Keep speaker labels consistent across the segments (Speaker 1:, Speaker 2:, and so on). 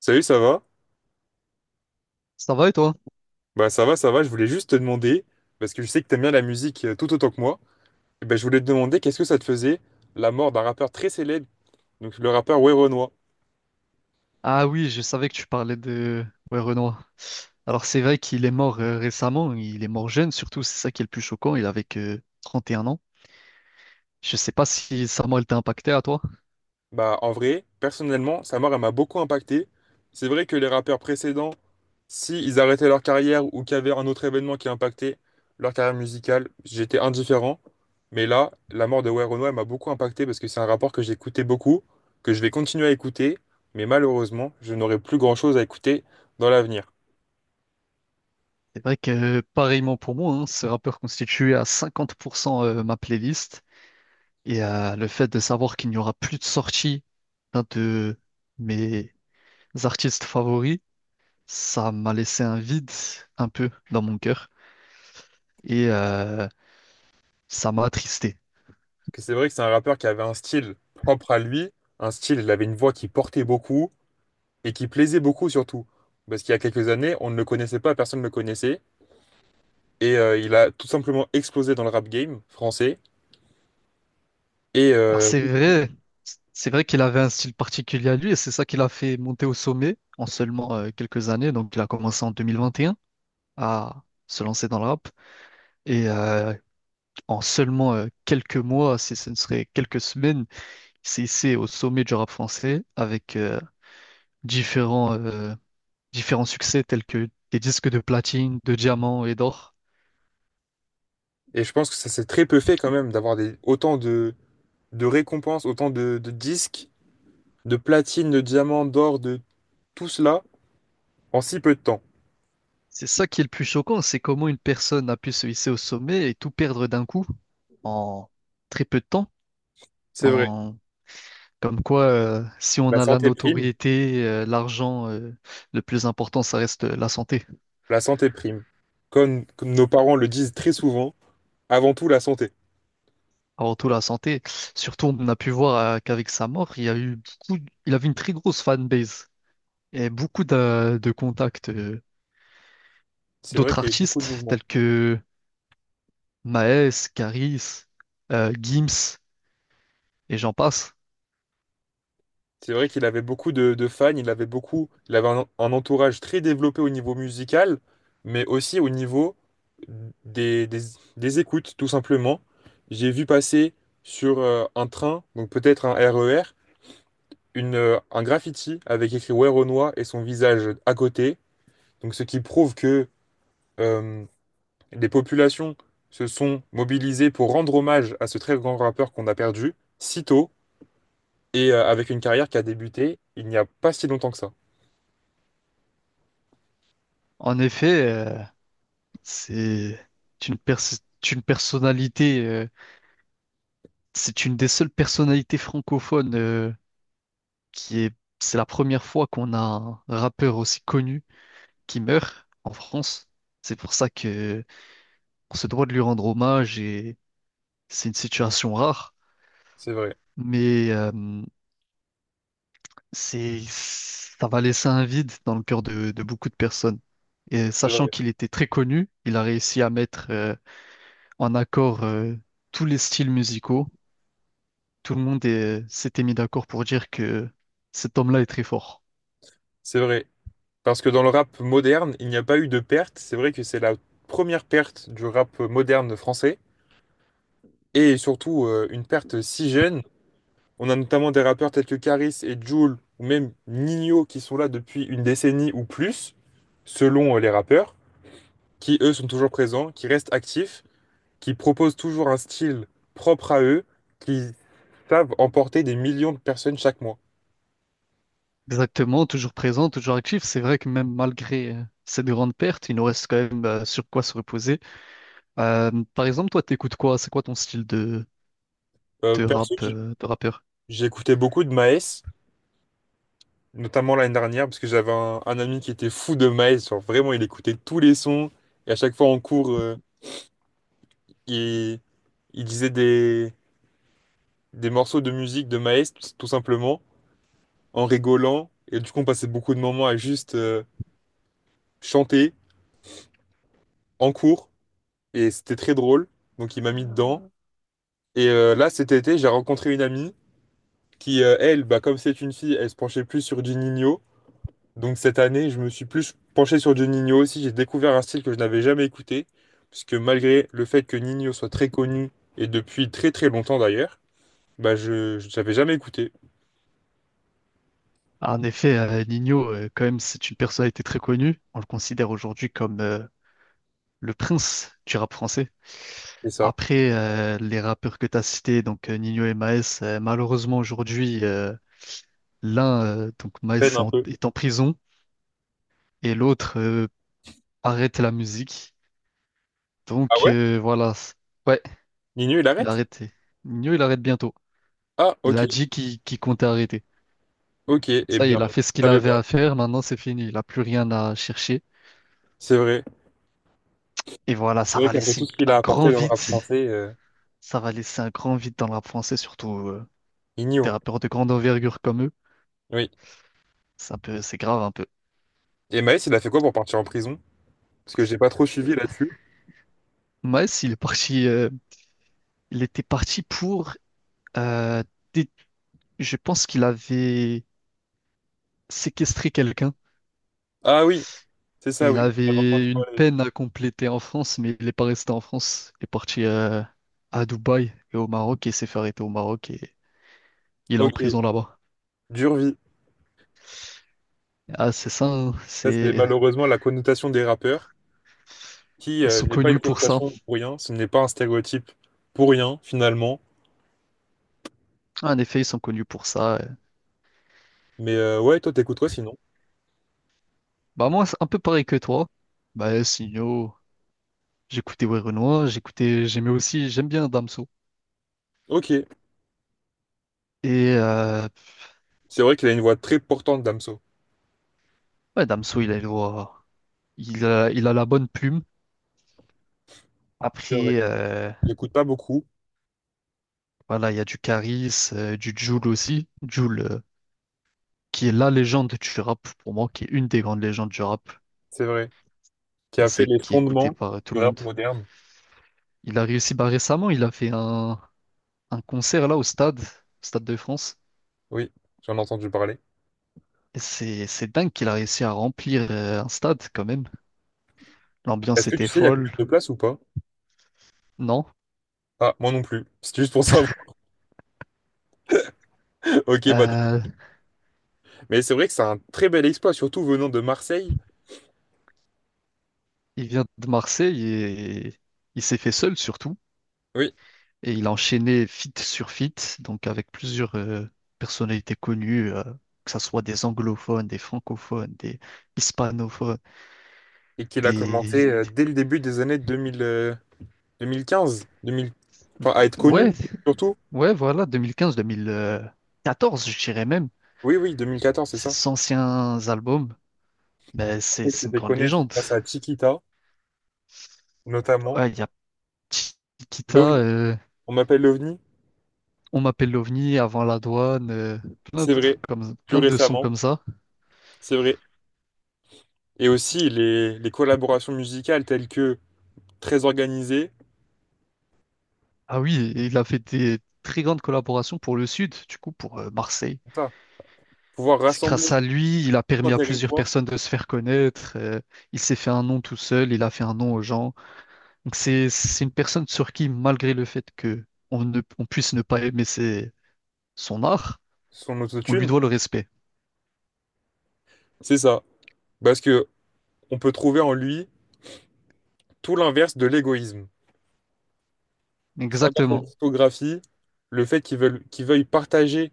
Speaker 1: Salut, ça va?
Speaker 2: Ça va et toi?
Speaker 1: Ça va, ça va, je voulais juste te demander, parce que je sais que t'aimes bien la musique tout autant que moi, et je voulais te demander qu'est-ce que ça te faisait la mort d'un rappeur très célèbre, donc le rappeur Werenoi.
Speaker 2: Ah oui, je savais que tu parlais de ouais, Renoir. Alors c'est vrai qu'il est mort récemment, il est mort jeune surtout, c'est ça qui est le plus choquant, il avait que 31 ans. Je sais pas si sa mort elle t'a impacté à toi.
Speaker 1: En vrai, personnellement, sa mort elle m'a beaucoup impacté. C'est vrai que les rappeurs précédents, si ils arrêtaient leur carrière ou qu'il y avait un autre événement qui impactait leur carrière musicale, j'étais indifférent. Mais là, la mort de Werenoi elle m'a beaucoup impacté parce que c'est un rappeur que j'écoutais beaucoup, que je vais continuer à écouter, mais malheureusement, je n'aurai plus grand-chose à écouter dans l'avenir.
Speaker 2: C'est vrai que pareillement pour moi, hein, ce rappeur constituait à 50% ma playlist et le fait de savoir qu'il n'y aura plus de sortie d'un de mes artistes favoris, ça m'a laissé un vide un peu dans mon cœur et ça m'a attristé.
Speaker 1: Que c'est vrai que c'est un rappeur qui avait un style propre à lui, un style, il avait une voix qui portait beaucoup et qui plaisait beaucoup surtout. Parce qu'il y a quelques années, on ne le connaissait pas, personne ne le connaissait. Et il a tout simplement explosé dans le rap game français. Et,
Speaker 2: Alors
Speaker 1: euh,
Speaker 2: c'est vrai qu'il avait un style particulier à lui et c'est ça qui l'a fait monter au sommet en seulement quelques années. Donc il a commencé en 2021 à se lancer dans le rap et en seulement quelques mois, si ce ne serait quelques semaines, c'est ici au sommet du rap français avec différents, euh, différents succès tels que des disques de platine, de diamant et d'or.
Speaker 1: et je pense que ça s'est très peu fait quand même d'avoir des, autant de récompenses, autant de disques, de platines, de diamants, d'or, de tout cela en si peu de temps.
Speaker 2: C'est ça qui est le plus choquant, c'est comment une personne a pu se hisser au sommet et tout perdre d'un coup en très peu de temps.
Speaker 1: C'est vrai.
Speaker 2: En... Comme quoi, si on
Speaker 1: La
Speaker 2: a la
Speaker 1: santé prime,
Speaker 2: notoriété, l'argent, le plus important, ça reste la santé.
Speaker 1: la santé prime. Comme nos parents le disent très souvent, avant tout la santé.
Speaker 2: Avant tout, la santé. Surtout, on a pu voir qu'avec sa mort, il y a eu il avait une très grosse fanbase et beaucoup de contacts,
Speaker 1: C'est vrai
Speaker 2: d'autres
Speaker 1: qu'il y avait beaucoup de
Speaker 2: artistes
Speaker 1: mouvements.
Speaker 2: tels que Maes, Caris, Gims et j'en passe.
Speaker 1: C'est vrai qu'il avait beaucoup de fans, il avait beaucoup, il avait un entourage très développé au niveau musical, mais aussi au niveau des, des- des écoutes, tout simplement. J'ai vu passer sur un train, donc peut-être un RER, un graffiti avec écrit Where Renoir et son visage à côté. Donc ce qui prouve que euh, les populations se sont mobilisées pour rendre hommage à ce très grand rappeur qu'on a perdu si tôt. Et avec une carrière qui a débuté il n'y a pas si longtemps que ça.
Speaker 2: En effet, c'est c'est une personnalité, c'est une des seules personnalités francophones qui est, c'est la première fois qu'on a un rappeur aussi connu qui meurt en France. C'est pour ça que on se doit de lui rendre hommage et c'est une situation rare.
Speaker 1: C'est vrai.
Speaker 2: Mais ça va laisser un vide dans le cœur de beaucoup de personnes. Et
Speaker 1: C'est
Speaker 2: sachant
Speaker 1: vrai.
Speaker 2: qu'il était très connu, il a réussi à mettre en accord tous les styles musicaux. Tout le monde s'était mis d'accord pour dire que cet homme-là est très fort.
Speaker 1: C'est vrai. Parce que dans le rap moderne, il n'y a pas eu de perte. C'est vrai que c'est la première perte du rap moderne français. Et surtout, une perte si jeune. On a notamment des rappeurs tels que Karis et Jul, ou même Nino, qui sont là depuis une décennie ou plus, selon les rappeurs, qui eux sont toujours présents, qui restent actifs, qui proposent toujours un style propre à eux, qui savent emporter des millions de personnes chaque mois.
Speaker 2: Exactement, toujours présent, toujours actif. C'est vrai que même malgré cette grande perte, il nous reste quand même sur quoi se reposer. Par exemple, toi, t'écoutes quoi? C'est quoi ton style de, de
Speaker 1: Perso,
Speaker 2: rap, de rappeur?
Speaker 1: j'ai écouté beaucoup de Maes, notamment l'année dernière, parce que j'avais un ami qui était fou de Maes. Genre vraiment, il écoutait tous les sons. Et à chaque fois en cours, il, il disait des morceaux de musique de Maes, tout tout simplement, en rigolant. Et du coup, on passait beaucoup de moments à juste chanter en cours. Et c'était très drôle. Donc, il m'a mis dedans. Ah. Et là, cet été, j'ai rencontré une amie qui, comme c'est une fille, elle se penchait plus sur du Juninho. Donc cette année, je me suis plus penché sur du Ninho aussi. J'ai découvert un style que je n'avais jamais écouté, puisque malgré le fait que Ninho soit très connu, et depuis très très longtemps d'ailleurs, je n'avais jamais écouté.
Speaker 2: Ah, en effet, Nino, quand même, c'est une personnalité très connue. On le considère aujourd'hui comme le prince du rap français.
Speaker 1: C'est ça.
Speaker 2: Après, les rappeurs que tu as cités, donc Nino et Maes, malheureusement aujourd'hui, l'un, donc Maes,
Speaker 1: Peine
Speaker 2: est
Speaker 1: un
Speaker 2: en,
Speaker 1: peu.
Speaker 2: est en prison et l'autre arrête la musique.
Speaker 1: Ah
Speaker 2: Donc
Speaker 1: ouais?
Speaker 2: voilà, ouais,
Speaker 1: Ninho, il
Speaker 2: il a
Speaker 1: arrête?
Speaker 2: arrêté. Nino, il arrête bientôt.
Speaker 1: Ah
Speaker 2: Il
Speaker 1: ok,
Speaker 2: a dit qu'il comptait arrêter.
Speaker 1: ok, eh
Speaker 2: Ça y est,
Speaker 1: bien,
Speaker 2: il a
Speaker 1: je
Speaker 2: fait ce qu'il
Speaker 1: savais
Speaker 2: avait à
Speaker 1: pas.
Speaker 2: faire, maintenant c'est fini, il n'a plus rien à chercher.
Speaker 1: C'est vrai.
Speaker 2: Et voilà,
Speaker 1: C'est
Speaker 2: ça
Speaker 1: vrai
Speaker 2: va
Speaker 1: qu'après
Speaker 2: laisser
Speaker 1: tout ce qu'il a
Speaker 2: un grand
Speaker 1: apporté dans le
Speaker 2: vide.
Speaker 1: rap français,
Speaker 2: Ça va laisser un grand vide dans le rap français, surtout des
Speaker 1: Ninho.
Speaker 2: rappeurs de grande envergure comme eux.
Speaker 1: Oui.
Speaker 2: C'est un peu, c'est grave un peu.
Speaker 1: Et Maës, il a fait quoi pour partir en prison? Parce que j'ai pas trop suivi
Speaker 2: Euh,
Speaker 1: là-dessus.
Speaker 2: Maes, il est parti, il était parti pour, euh, dé- je pense qu'il avait séquestré quelqu'un.
Speaker 1: Ah oui, c'est ça,
Speaker 2: Il
Speaker 1: oui. J'avais entendu
Speaker 2: avait une
Speaker 1: parler.
Speaker 2: peine à compléter en France, mais il n'est pas resté en France. Il est parti à Dubaï et au Maroc et s'est fait arrêter au Maroc et il est en
Speaker 1: Ok,
Speaker 2: prison là-bas.
Speaker 1: dure vie.
Speaker 2: Ah, c'est ça, hein,
Speaker 1: Ça, c'est malheureusement la connotation des rappeurs. Qui
Speaker 2: ils sont
Speaker 1: n'est pas une
Speaker 2: connus pour ça.
Speaker 1: connotation pour rien, ce n'est pas un stéréotype pour rien, finalement.
Speaker 2: En effet, ils sont connus pour ça.
Speaker 1: Mais ouais, toi, t'écouterais sinon.
Speaker 2: Bah moi, c'est un peu pareil que toi. Bah sinon, j'écoutais Ouais Renoir, j'écoutais, j'aimais aussi, j'aime bien Damso.
Speaker 1: Ok,
Speaker 2: Et
Speaker 1: c'est vrai qu'il a une voix très portante, Damso.
Speaker 2: ouais, Damso, il a la bonne plume.
Speaker 1: C'est vrai.
Speaker 2: Après,
Speaker 1: J'écoute pas beaucoup,
Speaker 2: voilà, il y a du Caris, du Jul aussi. Jul, qui est la légende du rap pour moi, qui est une des grandes légendes du rap
Speaker 1: c'est vrai. Qui a fait
Speaker 2: français,
Speaker 1: les
Speaker 2: qui est écoutée
Speaker 1: fondements
Speaker 2: par tout
Speaker 1: du
Speaker 2: le monde.
Speaker 1: rap moderne.
Speaker 2: Il a réussi, bah récemment, il a fait un concert là au stade, Stade de France.
Speaker 1: Oui, j'en ai entendu parler.
Speaker 2: Et c'est dingue qu'il a réussi à remplir un stade quand même. L'ambiance
Speaker 1: Est-ce que
Speaker 2: était
Speaker 1: tu sais, il y a combien
Speaker 2: folle,
Speaker 1: de places ou pas?
Speaker 2: non?
Speaker 1: Ah, moi non plus. C'est juste pour savoir. Ok, bah.
Speaker 2: Euh,
Speaker 1: Mais c'est vrai que c'est un très bel exploit, surtout venant de Marseille.
Speaker 2: il vient de Marseille et il s'est fait seul surtout.
Speaker 1: Oui.
Speaker 2: Et il a enchaîné feat sur feat, donc avec plusieurs personnalités connues, que ce soit des anglophones, des francophones, des hispanophones,
Speaker 1: Et qu'il a commencé
Speaker 2: des...
Speaker 1: dès le début des années deux mille quinze, à être connu,
Speaker 2: ouais,
Speaker 1: surtout.
Speaker 2: ouais, voilà, 2015-2014, je dirais même.
Speaker 1: Oui, oui, 2014 c'est ça.
Speaker 2: Ces anciens albums, ben,
Speaker 1: Après,
Speaker 2: c'est
Speaker 1: je
Speaker 2: c'est
Speaker 1: t'ai
Speaker 2: une
Speaker 1: fait
Speaker 2: grande
Speaker 1: connaître
Speaker 2: légende.
Speaker 1: grâce à Chiquita, notamment.
Speaker 2: Ouais, il y a Chiquita,
Speaker 1: L'OVNI. On m'appelle l'OVNI,
Speaker 2: on m'appelle l'OVNI avant la douane, plein
Speaker 1: c'est
Speaker 2: de trucs
Speaker 1: vrai.
Speaker 2: comme
Speaker 1: Plus
Speaker 2: plein de sons
Speaker 1: récemment,
Speaker 2: comme ça.
Speaker 1: c'est vrai. Et aussi les collaborations musicales telles que très organisées,
Speaker 2: Ah oui, et il a fait des très grandes collaborations pour le Sud, du coup pour Marseille.
Speaker 1: c'est ça. Pouvoir
Speaker 2: C'est
Speaker 1: rassembler
Speaker 2: grâce à lui, il a
Speaker 1: tout un
Speaker 2: permis à plusieurs
Speaker 1: territoire,
Speaker 2: personnes de se faire connaître, il s'est fait un nom tout seul, il a fait un nom aux gens. Donc c'est une personne sur qui, malgré le fait que on puisse ne pas aimer son art,
Speaker 1: son
Speaker 2: on lui
Speaker 1: autotune,
Speaker 2: doit le respect.
Speaker 1: c'est ça. Parce que on peut trouver en lui tout l'inverse de l'égoïsme. Si on regarde cette
Speaker 2: Exactement.
Speaker 1: discographie, le fait qu'il veuille partager,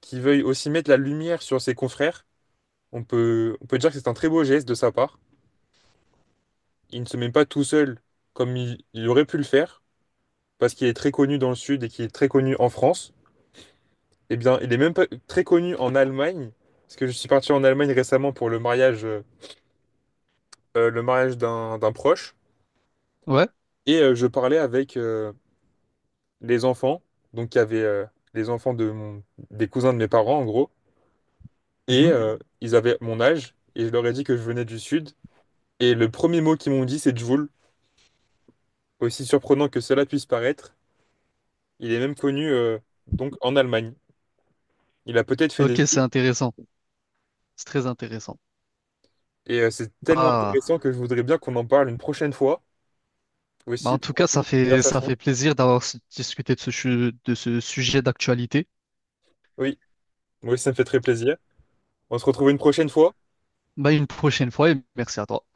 Speaker 1: qu'il veuille aussi mettre la lumière sur ses confrères, on peut dire que c'est un très beau geste de sa part. Il ne se met pas tout seul comme il aurait pu le faire, parce qu'il est très connu dans le Sud et qu'il est très connu en France, eh bien, il est même pas très connu en Allemagne, parce que je suis parti en Allemagne récemment pour le mariage d'un proche,
Speaker 2: Ouais.
Speaker 1: et je parlais avec les enfants, donc il y avait les enfants de mon- des cousins de mes parents en gros, et
Speaker 2: Mhm.
Speaker 1: ils avaient mon âge, et je leur ai dit que je venais du Sud, et le premier mot qu'ils m'ont dit c'est Jvoul, aussi surprenant que cela puisse paraître, il est même connu donc en Allemagne. Il a peut-être fait des
Speaker 2: Ok, c'est
Speaker 1: films
Speaker 2: intéressant. C'est très intéressant.
Speaker 1: et c'est tellement
Speaker 2: Bah.
Speaker 1: intéressant que je voudrais bien qu'on en parle une prochaine fois
Speaker 2: Bah,
Speaker 1: aussi
Speaker 2: en tout
Speaker 1: pour
Speaker 2: cas, ça
Speaker 1: continuer la
Speaker 2: fait, ça
Speaker 1: conversation.
Speaker 2: fait plaisir d'avoir discuté de de ce sujet d'actualité.
Speaker 1: Oui, moi aussi ça me fait très plaisir. On se retrouve une prochaine fois.
Speaker 2: Bah, une prochaine fois et merci à toi.